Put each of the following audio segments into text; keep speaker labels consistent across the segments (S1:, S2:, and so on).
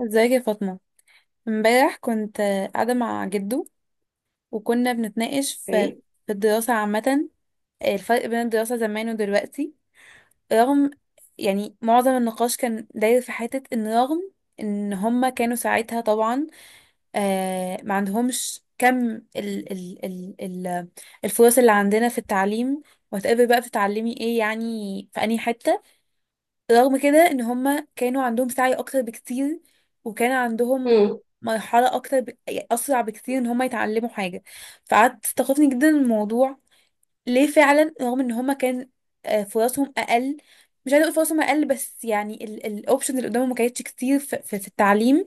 S1: ازيك يا فاطمة؟ امبارح كنت قاعدة مع جدو وكنا بنتناقش في
S2: اوكي.
S1: في الدراسة عامة، الفرق بين الدراسة زمان ودلوقتي. رغم، يعني معظم النقاش كان داير في حتة ان رغم ان هما كانوا ساعتها طبعا ما عندهمش كم ال الفرص اللي عندنا في التعليم. وهتقابل بقى بتتعلمي ايه يعني في انهي حتة؟ رغم كده ان هما كانوا عندهم سعي اكتر بكتير، وكان عندهم
S2: امم
S1: مرحلة اكتر يعني اسرع بكتير ان هما يتعلموا حاجة. فقعدت استخفني جدا من الموضوع، ليه فعلا رغم ان هما كان فرصهم اقل؟ مش عايزه اقول فرصهم اقل، بس يعني الاوبشن اللي قدامهم ما كانتش كتير في التعليم،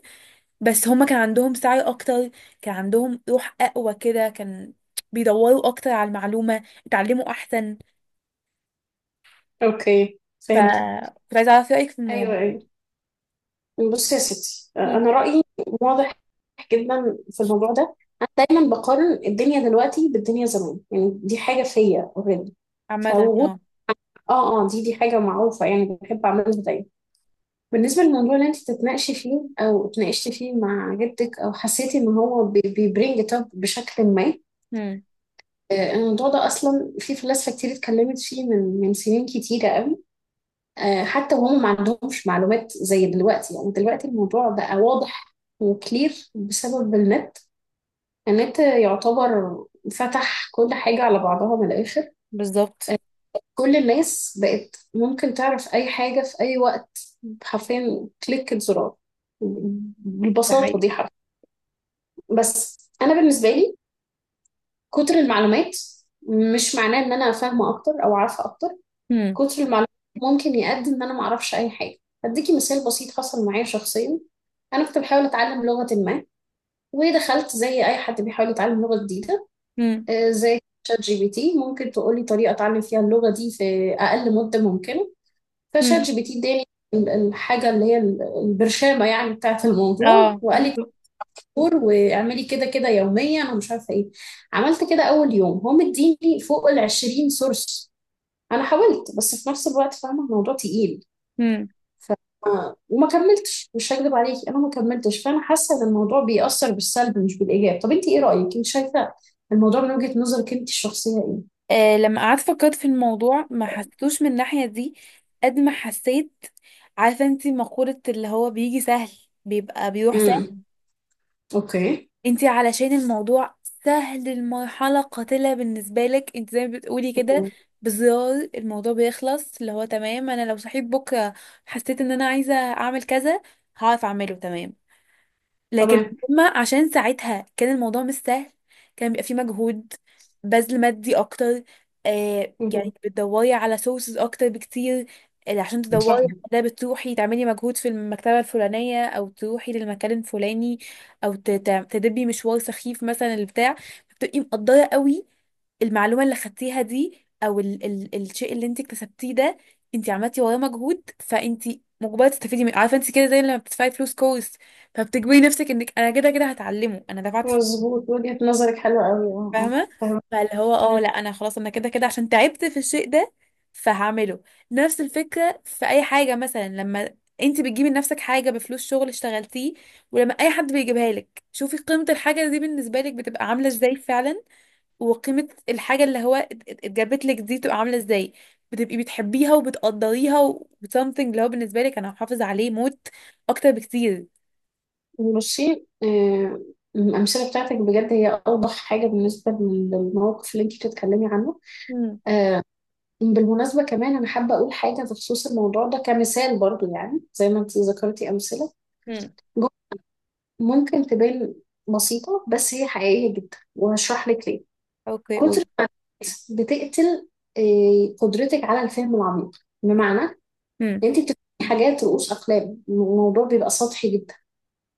S1: بس هما كان عندهم سعي اكتر، كان عندهم روح اقوى كده، كان بيدوروا اكتر على المعلومة، اتعلموا احسن.
S2: اوكي،
S1: ف
S2: فهمت.
S1: كنت عايزه اعرف رايك في الموضوع.
S2: ايوه، ايوه. بص يا ستي،
S1: مم.
S2: انا رايي واضح جدا في الموضوع ده. انا دايما بقارن الدنيا دلوقتي بالدنيا زمان، يعني دي حاجه فيا اوريدي.
S1: عامة
S2: فوجود
S1: اه.
S2: اه اه دي دي حاجه معروفه، يعني بحب اعملها دايما. بالنسبه للموضوع اللي انت تتناقشي فيه او اتناقشتي فيه مع جدك، او حسيتي ان هو بيبرينج ات اب بشكل ما،
S1: مم.
S2: الموضوع ده اصلا في فلاسفه كتير اتكلمت فيه من سنين كتيره. حتى وهم ما عندهمش معلومات زي دلوقتي، يعني دلوقتي الموضوع بقى واضح وكلير بسبب النت. النت يعتبر فتح كل حاجة على بعضها من الآخر.
S1: بالظبط.
S2: كل الناس بقت ممكن تعرف أي حاجة في أي وقت، حرفيا كليك زرار،
S1: ده
S2: بالبساطة
S1: حقيقي.
S2: دي، حرف. بس أنا بالنسبة لي، كتر المعلومات مش معناه إن أنا فاهمة أكتر أو عارفة أكتر.
S1: هم.
S2: كتر المعلومات ممكن يقدم ان انا ما اعرفش اي حاجه. هديكي مثال بسيط حصل معايا شخصيا. انا كنت بحاول اتعلم لغه ما، ودخلت زي اي حد بيحاول يتعلم لغه جديده،
S1: هم.
S2: زي شات جي بي تي، ممكن تقولي طريقه اتعلم فيها اللغه دي في اقل مده ممكنه؟ فشات
S1: هم.
S2: جي بي تي اداني الحاجه اللي هي البرشامه يعني بتاعه الموضوع،
S1: اه
S2: وقال لي
S1: بالظبط.
S2: دكتور واعملي كده كده يوميا، انا مش عارفه ايه. عملت كده اول يوم، هو مديني فوق ال 20 سورس. انا حاولت، بس في نفس الوقت فاهمه الموضوع تقيل
S1: هم.
S2: وما كملتش. مش هكذب عليكي، انا ما كملتش، فانا حاسه ان الموضوع بيأثر بالسلب مش بالايجاب. طب انت ايه رأيك؟ انت شايفه الموضوع من وجهة نظرك انت الشخصيه ايه؟
S1: آه لما قعدت فكرت في الموضوع ما حسيتوش من الناحية دي قد ما حسيت، عارفة انتي مقولة اللي هو بيجي سهل بيبقى بيروح سهل؟
S2: امم اوكي.
S1: انتي علشان الموضوع سهل، المرحلة قاتلة بالنسبة لك انتي زي ما بتقولي كده،
S2: مهم.
S1: بزرار الموضوع بيخلص، اللي هو تمام انا لو صحيت بكرة حسيت ان انا عايزة اعمل كذا هعرف اعمله، تمام. لكن
S2: تمام.
S1: هما عشان ساعتها كان الموضوع مش سهل، كان بيبقى فيه مجهود، بذل مادي اكتر، آه
S2: مهم.
S1: يعني بتدوري على سورسز اكتر بكتير، اللي عشان تدوري
S2: صح.
S1: على ده بتروحي تعملي مجهود في المكتبة الفلانية او تروحي للمكان الفلاني او تدبي مشوار سخيف مثلا البتاع. بتبقي مقدرة قوي المعلومة اللي خدتيها دي او ال الشيء اللي انت اكتسبتيه ده، انت عملتي وراه مجهود، فانت مجبرة تستفيدي منه. عارفة انت كده زي لما بتدفعي فلوس كورس، فبتجبري نفسك انك انا كده كده هتعلمه انا دفعت فيه،
S2: مظبوط، وجهة نظرك حلوة قوي. اه، اه،
S1: فاهمه؟
S2: فاهمة.
S1: فاللي هو اه
S2: مم.
S1: لا انا خلاص انا كده كده عشان تعبت في الشيء ده فهعمله. نفس الفكره في اي حاجه، مثلا لما انت بتجيبي لنفسك حاجه بفلوس شغل اشتغلتيه، ولما اي حد بيجيبها لك، شوفي قيمه الحاجه دي بالنسبه لك بتبقى عامله ازاي فعلا، وقيمه الحاجه اللي هو اتجابت لك دي تبقى عامله ازاي. بتبقي بتحبيها وبتقدريها و something اللي هو بالنسبه لك انا هحافظ عليه موت اكتر بكتير.
S2: بصي، الأمثلة بتاعتك بجد هي أوضح حاجة بالنسبة للموقف اللي أنت بتتكلمي عنه. آه، بالمناسبة كمان، أنا حابة أقول حاجة بخصوص الموضوع ده كمثال برضو. يعني زي ما أنت ذكرتي أمثلة،
S1: امم.
S2: ممكن تبان بسيطة بس هي حقيقية جدا، وهشرح لك ليه.
S1: اوكي
S2: كتر
S1: قولي.
S2: الناس بتقتل قدرتك على الفهم العميق، بمعنى ان انت بتفهمي حاجات رؤوس اقلام، الموضوع بيبقى سطحي جدا.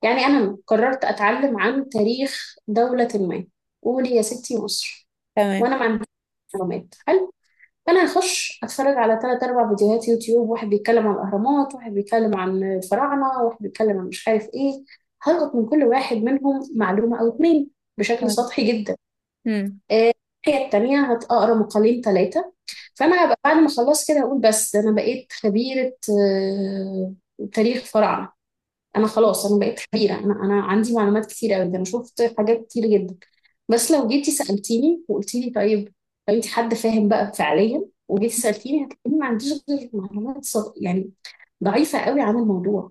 S2: يعني انا قررت اتعلم عن تاريخ دولة ما، قولي يا ستي مصر،
S1: تمام.
S2: وانا ما عنديش معلومات. فانا هخش اتفرج على تلات اربع فيديوهات يوتيوب، واحد بيتكلم عن الاهرامات، واحد بيتكلم عن الفراعنه، واحد بيتكلم عن مش عارف ايه. هلقط من كل واحد منهم معلومه او اتنين، بشكل سطحي جدا.
S1: امم.
S2: آه، الناحيه التانيه، هتقرا مقالين ثلاثه، فانا هبقى بعد ما اخلص كده اقول بس ده انا بقيت خبيره تاريخ فراعنه. انا خلاص، انا بقيت خبيره، انا عندي معلومات كتيره قوي، انا شفت حاجات كتير جدا. بس لو جيتي سالتيني وقلتي لي طيب، لو انت حد فاهم بقى فعليا وجيتي سالتيني، هتلاقيني ما عنديش غير معلومات يعني ضعيفه قوي عن الموضوع.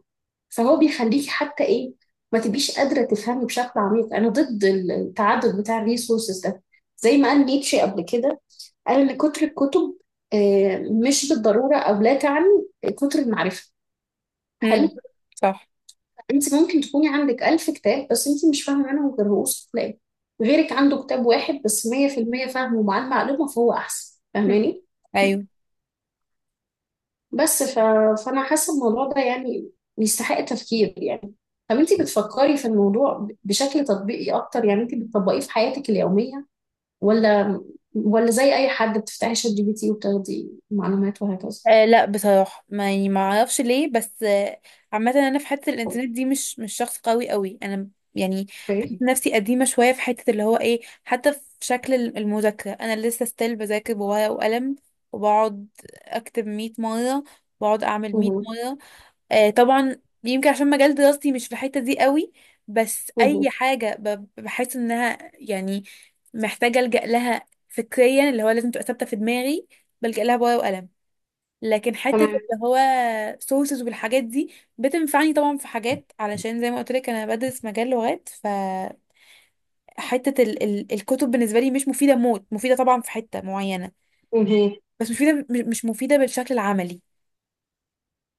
S2: فهو بيخليكي حتى ايه؟ ما تبقيش قادره تفهمي بشكل عميق. انا ضد التعدد بتاع الريسورسز ده. زي ما قال نيتشه قبل كده، قال ان كتر الكتب آه، مش بالضروره، او لا تعني كتر المعرفه.
S1: امم.
S2: هل
S1: صح.
S2: انت ممكن تكوني عندك ألف كتاب، بس انت مش فاهمة منهم غير رؤوس الأقلام؟ غيرك عنده كتاب واحد بس 100% فاهمه، ومعاه المعلومة، فهو أحسن.
S1: مم.
S2: فاهماني؟
S1: ايوه.
S2: بس ف... فأنا حاسة الموضوع ده يعني يستحق تفكير. يعني طب انت بتفكري في الموضوع بشكل تطبيقي أكتر؟ يعني انت بتطبقيه في حياتك اليومية، ولا زي أي حد بتفتحي شات جي بي تي وبتاخدي معلومات وهكذا؟
S1: آه لا بصراحه ما يعني ما اعرفش ليه، بس آه عامه انا في حته الانترنت دي مش مش شخص قوي قوي انا، يعني بحس
S2: اوكي.
S1: نفسي قديمه شويه في حته اللي هو ايه، حتى في شكل المذاكره انا لسه ستيل بذاكر بورقه وقلم، وبقعد اكتب 100 مره، بقعد اعمل 100
S2: مهو.
S1: مره. آه، طبعا. يمكن عشان مجال دراستي مش في الحتة دي قوي، بس
S2: مهو.
S1: اي حاجة بحس انها يعني محتاجة الجأ لها فكريا اللي هو لازم تبقى ثابتة في دماغي بلجأ لها بورقة وقلم. لكن حتة
S2: تمام.
S1: اللي هو سورسز والحاجات دي بتنفعني طبعا في حاجات، علشان زي ما قلت لك انا بدرس مجال لغات، ف حتة ال الكتب بالنسبة لي مش مفيدة موت، مفيدة طبعا في حتة معينة،
S2: مهو.
S1: بس مش مفيدة مش مفيدة بالشكل العملي،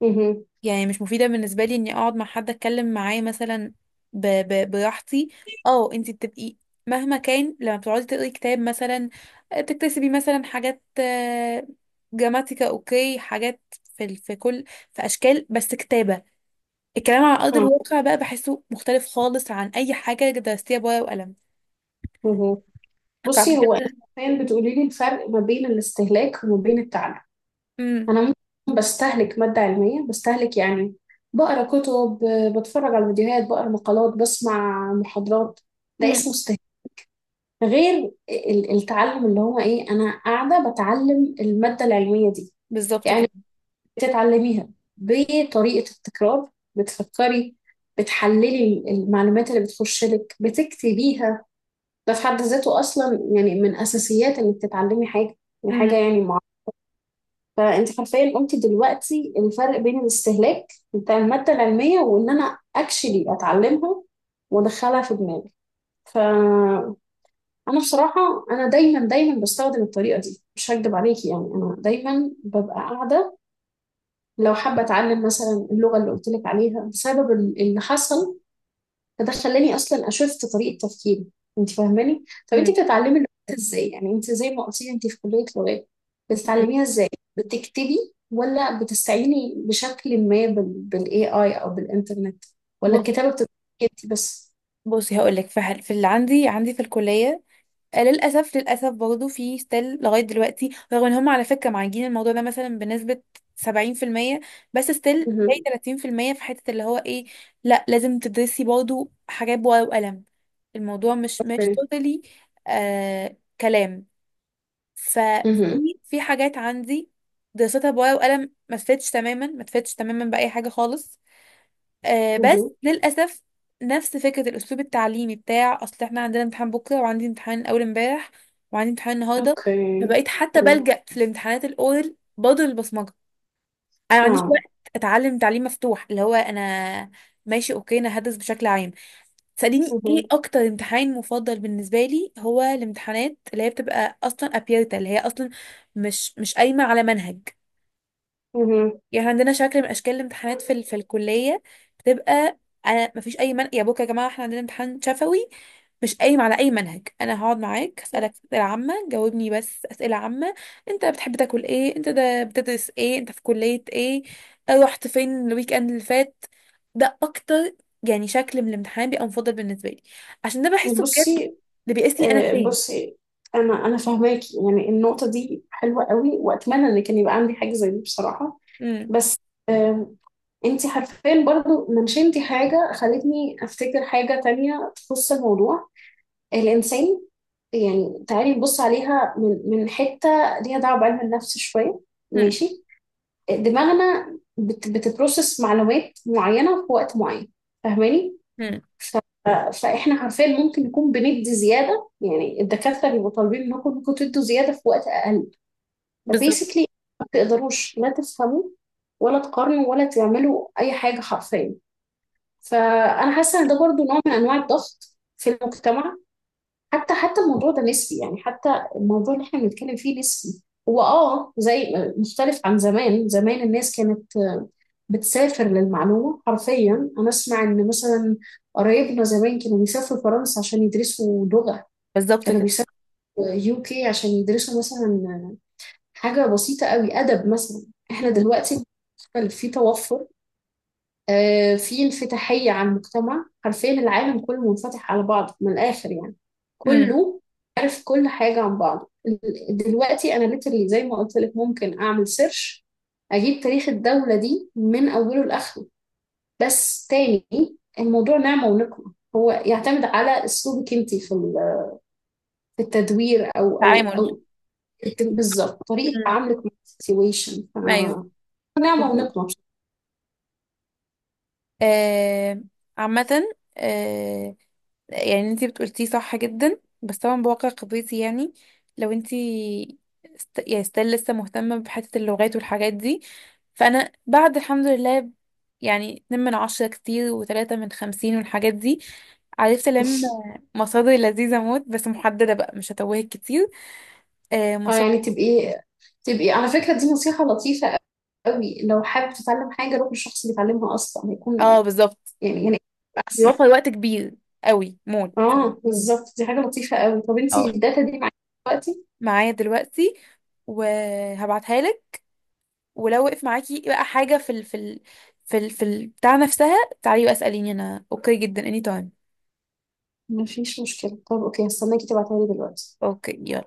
S2: مهو.
S1: يعني مش مفيدة بالنسبة لي اني اقعد مع حد اتكلم معاه مثلا براحتي. اه انت بتبقي مهما كان لما بتقعدي تقري كتاب مثلا، آه، بتكتسبي مثلا حاجات، آه، جراماتيكا، اوكي، حاجات في في اشكال، بس كتابة. الكلام على ارض
S2: اه.
S1: الواقع بقى بحسه مختلف خالص عن اي حاجة درستيها بورقة وقلم.
S2: مهو.
S1: فعشان
S2: بصي، هو انت
S1: كده
S2: حرفيا بتقولي لي الفرق ما بين الاستهلاك وما بين التعلم.
S1: امم.
S2: انا ممكن بستهلك ماده علميه، بستهلك يعني بقرا كتب، بتفرج على فيديوهات، بقرا مقالات، بسمع محاضرات، ده
S1: مم.
S2: اسمه استهلاك. غير التعلم اللي هو ايه، انا قاعده بتعلم الماده العلميه دي،
S1: بالظبط
S2: يعني
S1: كده.
S2: بتتعلميها بطريقه التكرار، بتفكري، بتحللي المعلومات اللي بتخش لك، بتكتبيها. ده في حد ذاته اصلا يعني من اساسيات انك تتعلمي حاجه، يعني حاجه
S1: امم.
S2: يعني معينه. فانت حرفيا قلتي دلوقتي الفرق بين الاستهلاك بتاع الماده العلميه، وان انا اكشلي اتعلمها وادخلها في دماغي. فانا بصراحه، انا دايما دايما بستخدم الطريقه دي، مش هكدب عليكي، يعني انا دايما ببقى قاعده. لو حابه اتعلم مثلا اللغه اللي قلت لك عليها، بسبب اللي حصل، فده خلاني اصلا اشفت طريقه تفكيري. انت فاهماني؟ طب انت
S1: امم.
S2: بتتعلمي اللغات ازاي؟ يعني انت زي ما قلتي انت في كليه لغات، بتتعلميها ازاي؟ بتكتبي، ولا بتستعيني بشكل ما بالاي اي او بالانترنت، ولا
S1: بص
S2: الكتابه بتبقى انت بس؟
S1: بصي هقول لك في اللي عندي، عندي في الكلية، آه، للأسف للأسف برضه في ستيل لغاية دلوقتي، رغم إن هم على فكرة معالجين الموضوع ده مثلا بنسبة 70%، بس ستيل باقي
S2: مهم.
S1: 30% في حتة اللي هو إيه، لأ لازم تدرسي برضه حاجات بورقة وقلم. الموضوع مش مش
S2: اوكي.
S1: توتالي آه كلام.
S2: مهم.
S1: ففي حاجات عندي دراستها بورقة وقلم ما تفيدش تماما، ما تفيدش تماما بأي حاجة خالص، آه بس
S2: مهم.
S1: للأسف نفس فكرة الأسلوب التعليمي بتاع أصل احنا عندنا امتحان بكرة، وعندي امتحان أول امبارح، وعندي امتحان النهاردة،
S2: اوكي.
S1: فبقيت حتى
S2: مم.
S1: بلجأ في الامتحانات الأورال برضه للبصمجة. أنا ما عنديش
S2: اه.
S1: وقت أتعلم تعليم مفتوح اللي هو أنا ماشي أوكي أنا هدرس بشكل عام. تسأليني إيه
S2: مهم.
S1: أكتر امتحان مفضل بالنسبة لي؟ هو الامتحانات اللي هي بتبقى أصلا أبيرتا، اللي هي أصلا مش مش قايمة على منهج،
S2: مهم.
S1: يعني إحنا عندنا شكل من اشكال الامتحانات في الكليه بتبقى، انا مفيش اي من يا بوك يا جماعه، احنا عندنا امتحان شفوي مش قايم على اي منهج، انا هقعد معاك اسالك اسئله عامه، جاوبني بس اسئله عامه، انت بتحب تاكل ايه، انت ده بتدرس ايه، انت في كليه ايه، آه، رحت فين الويك اند اللي فات. ده اكتر يعني شكل من الامتحان بيبقى مفضل بالنسبه لي، عشان ده بحسه بجد
S2: بصي
S1: اللي بيقيسني انا
S2: آه،
S1: فين.
S2: بصي انا فاهماكي، يعني النقطه دي حلوه قوي، واتمنى ان كان يبقى عندي حاجه زي دي بصراحه.
S1: امم.
S2: بس انت حرفيا برضو منشنتي حاجة خلتني افتكر حاجة تانية تخص الموضوع، الانسان. يعني تعالي نبص عليها من حتة ليها دعوة بعلم النفس شوية،
S1: امم.
S2: ماشي؟ دماغنا بتبروسس معلومات معينة في وقت معين، فاهماني؟
S1: امم.
S2: ف- فاحنا حرفيا ممكن نكون بندي زيادة، يعني الدكاترة بيبقوا طالبين منكم انكم تدوا زيادة في وقت اقل،
S1: بالظبط.
S2: فبيسكلي ما تقدروش لا تفهموا ولا تقارنوا ولا تعملوا اي حاجه حرفيا. فانا حاسه ان ده برضو نوع من انواع الضغط في المجتمع. حتى الموضوع ده نسبي، يعني حتى الموضوع اللي احنا بنتكلم فيه نسبي. هو زي مختلف عن زمان، زمان الناس كانت بتسافر للمعلومه حرفيا. انا اسمع ان مثلا قرايبنا زمان كانوا بيسافروا فرنسا عشان يدرسوا لغه،
S1: بالظبط
S2: كانوا
S1: كده.
S2: بيسافروا يو كي عشان يدرسوا مثلا حاجه بسيطه قوي، ادب مثلا. احنا
S1: امم.
S2: دلوقتي في توفر، في انفتاحية على المجتمع، حرفيا العالم كله منفتح على بعضه من الآخر، يعني
S1: امم.
S2: كله عارف كل حاجة عن بعضه. دلوقتي أنا ليترلي زي ما قلت لك، ممكن أعمل سيرش، أجيب تاريخ الدولة دي من أوله لآخره. بس تاني، الموضوع نعمة ونقمة، هو يعتمد على أسلوبك أنت في في التدوير، أو أو
S1: تعامل.
S2: أو بالظبط، طريقة
S1: امم.
S2: تعاملك مع السيتويشن.
S1: ايوه.
S2: نعمة ونقمة.
S1: آه. عامة. آه. يعني انتي بتقولتيه صح جدا، بس طبعا بواقع قضيتي يعني لو انتي يعني ستيل لسه مهتمة بحتة اللغات والحاجات دي، فأنا بعد الحمد لله يعني 2 من 10 كتير، وتلاتة من خمسين والحاجات دي، عرفت ألم مصادر لذيذة موت بس محددة بقى، مش هتوهك كتير. آه
S2: اه، يعني
S1: مصادر.
S2: تبقي على فكرة دي نصيحة لطيفة قوي. لو حابب تتعلم حاجة، روح للشخص اللي بيتعلمها أصلا، هيكون
S1: اه بالظبط.
S2: يعني أحسن.
S1: بيوفر وقت كبير قوي موت.
S2: اه، بالظبط، دي حاجة لطيفة قوي. طب انتي
S1: اه.
S2: الداتا دي معاكي دلوقتي؟
S1: معايا دلوقتي وهبعتها لك. ولو وقف معاكي بقى حاجة في ال بتاع نفسها، تعالي بقى اسأليني، انا اوكي جدا اني تايم.
S2: مفيش مشكلة. طب اوكي، هستناكي تبعتها لي دلوقتي.
S1: اوكي يلا.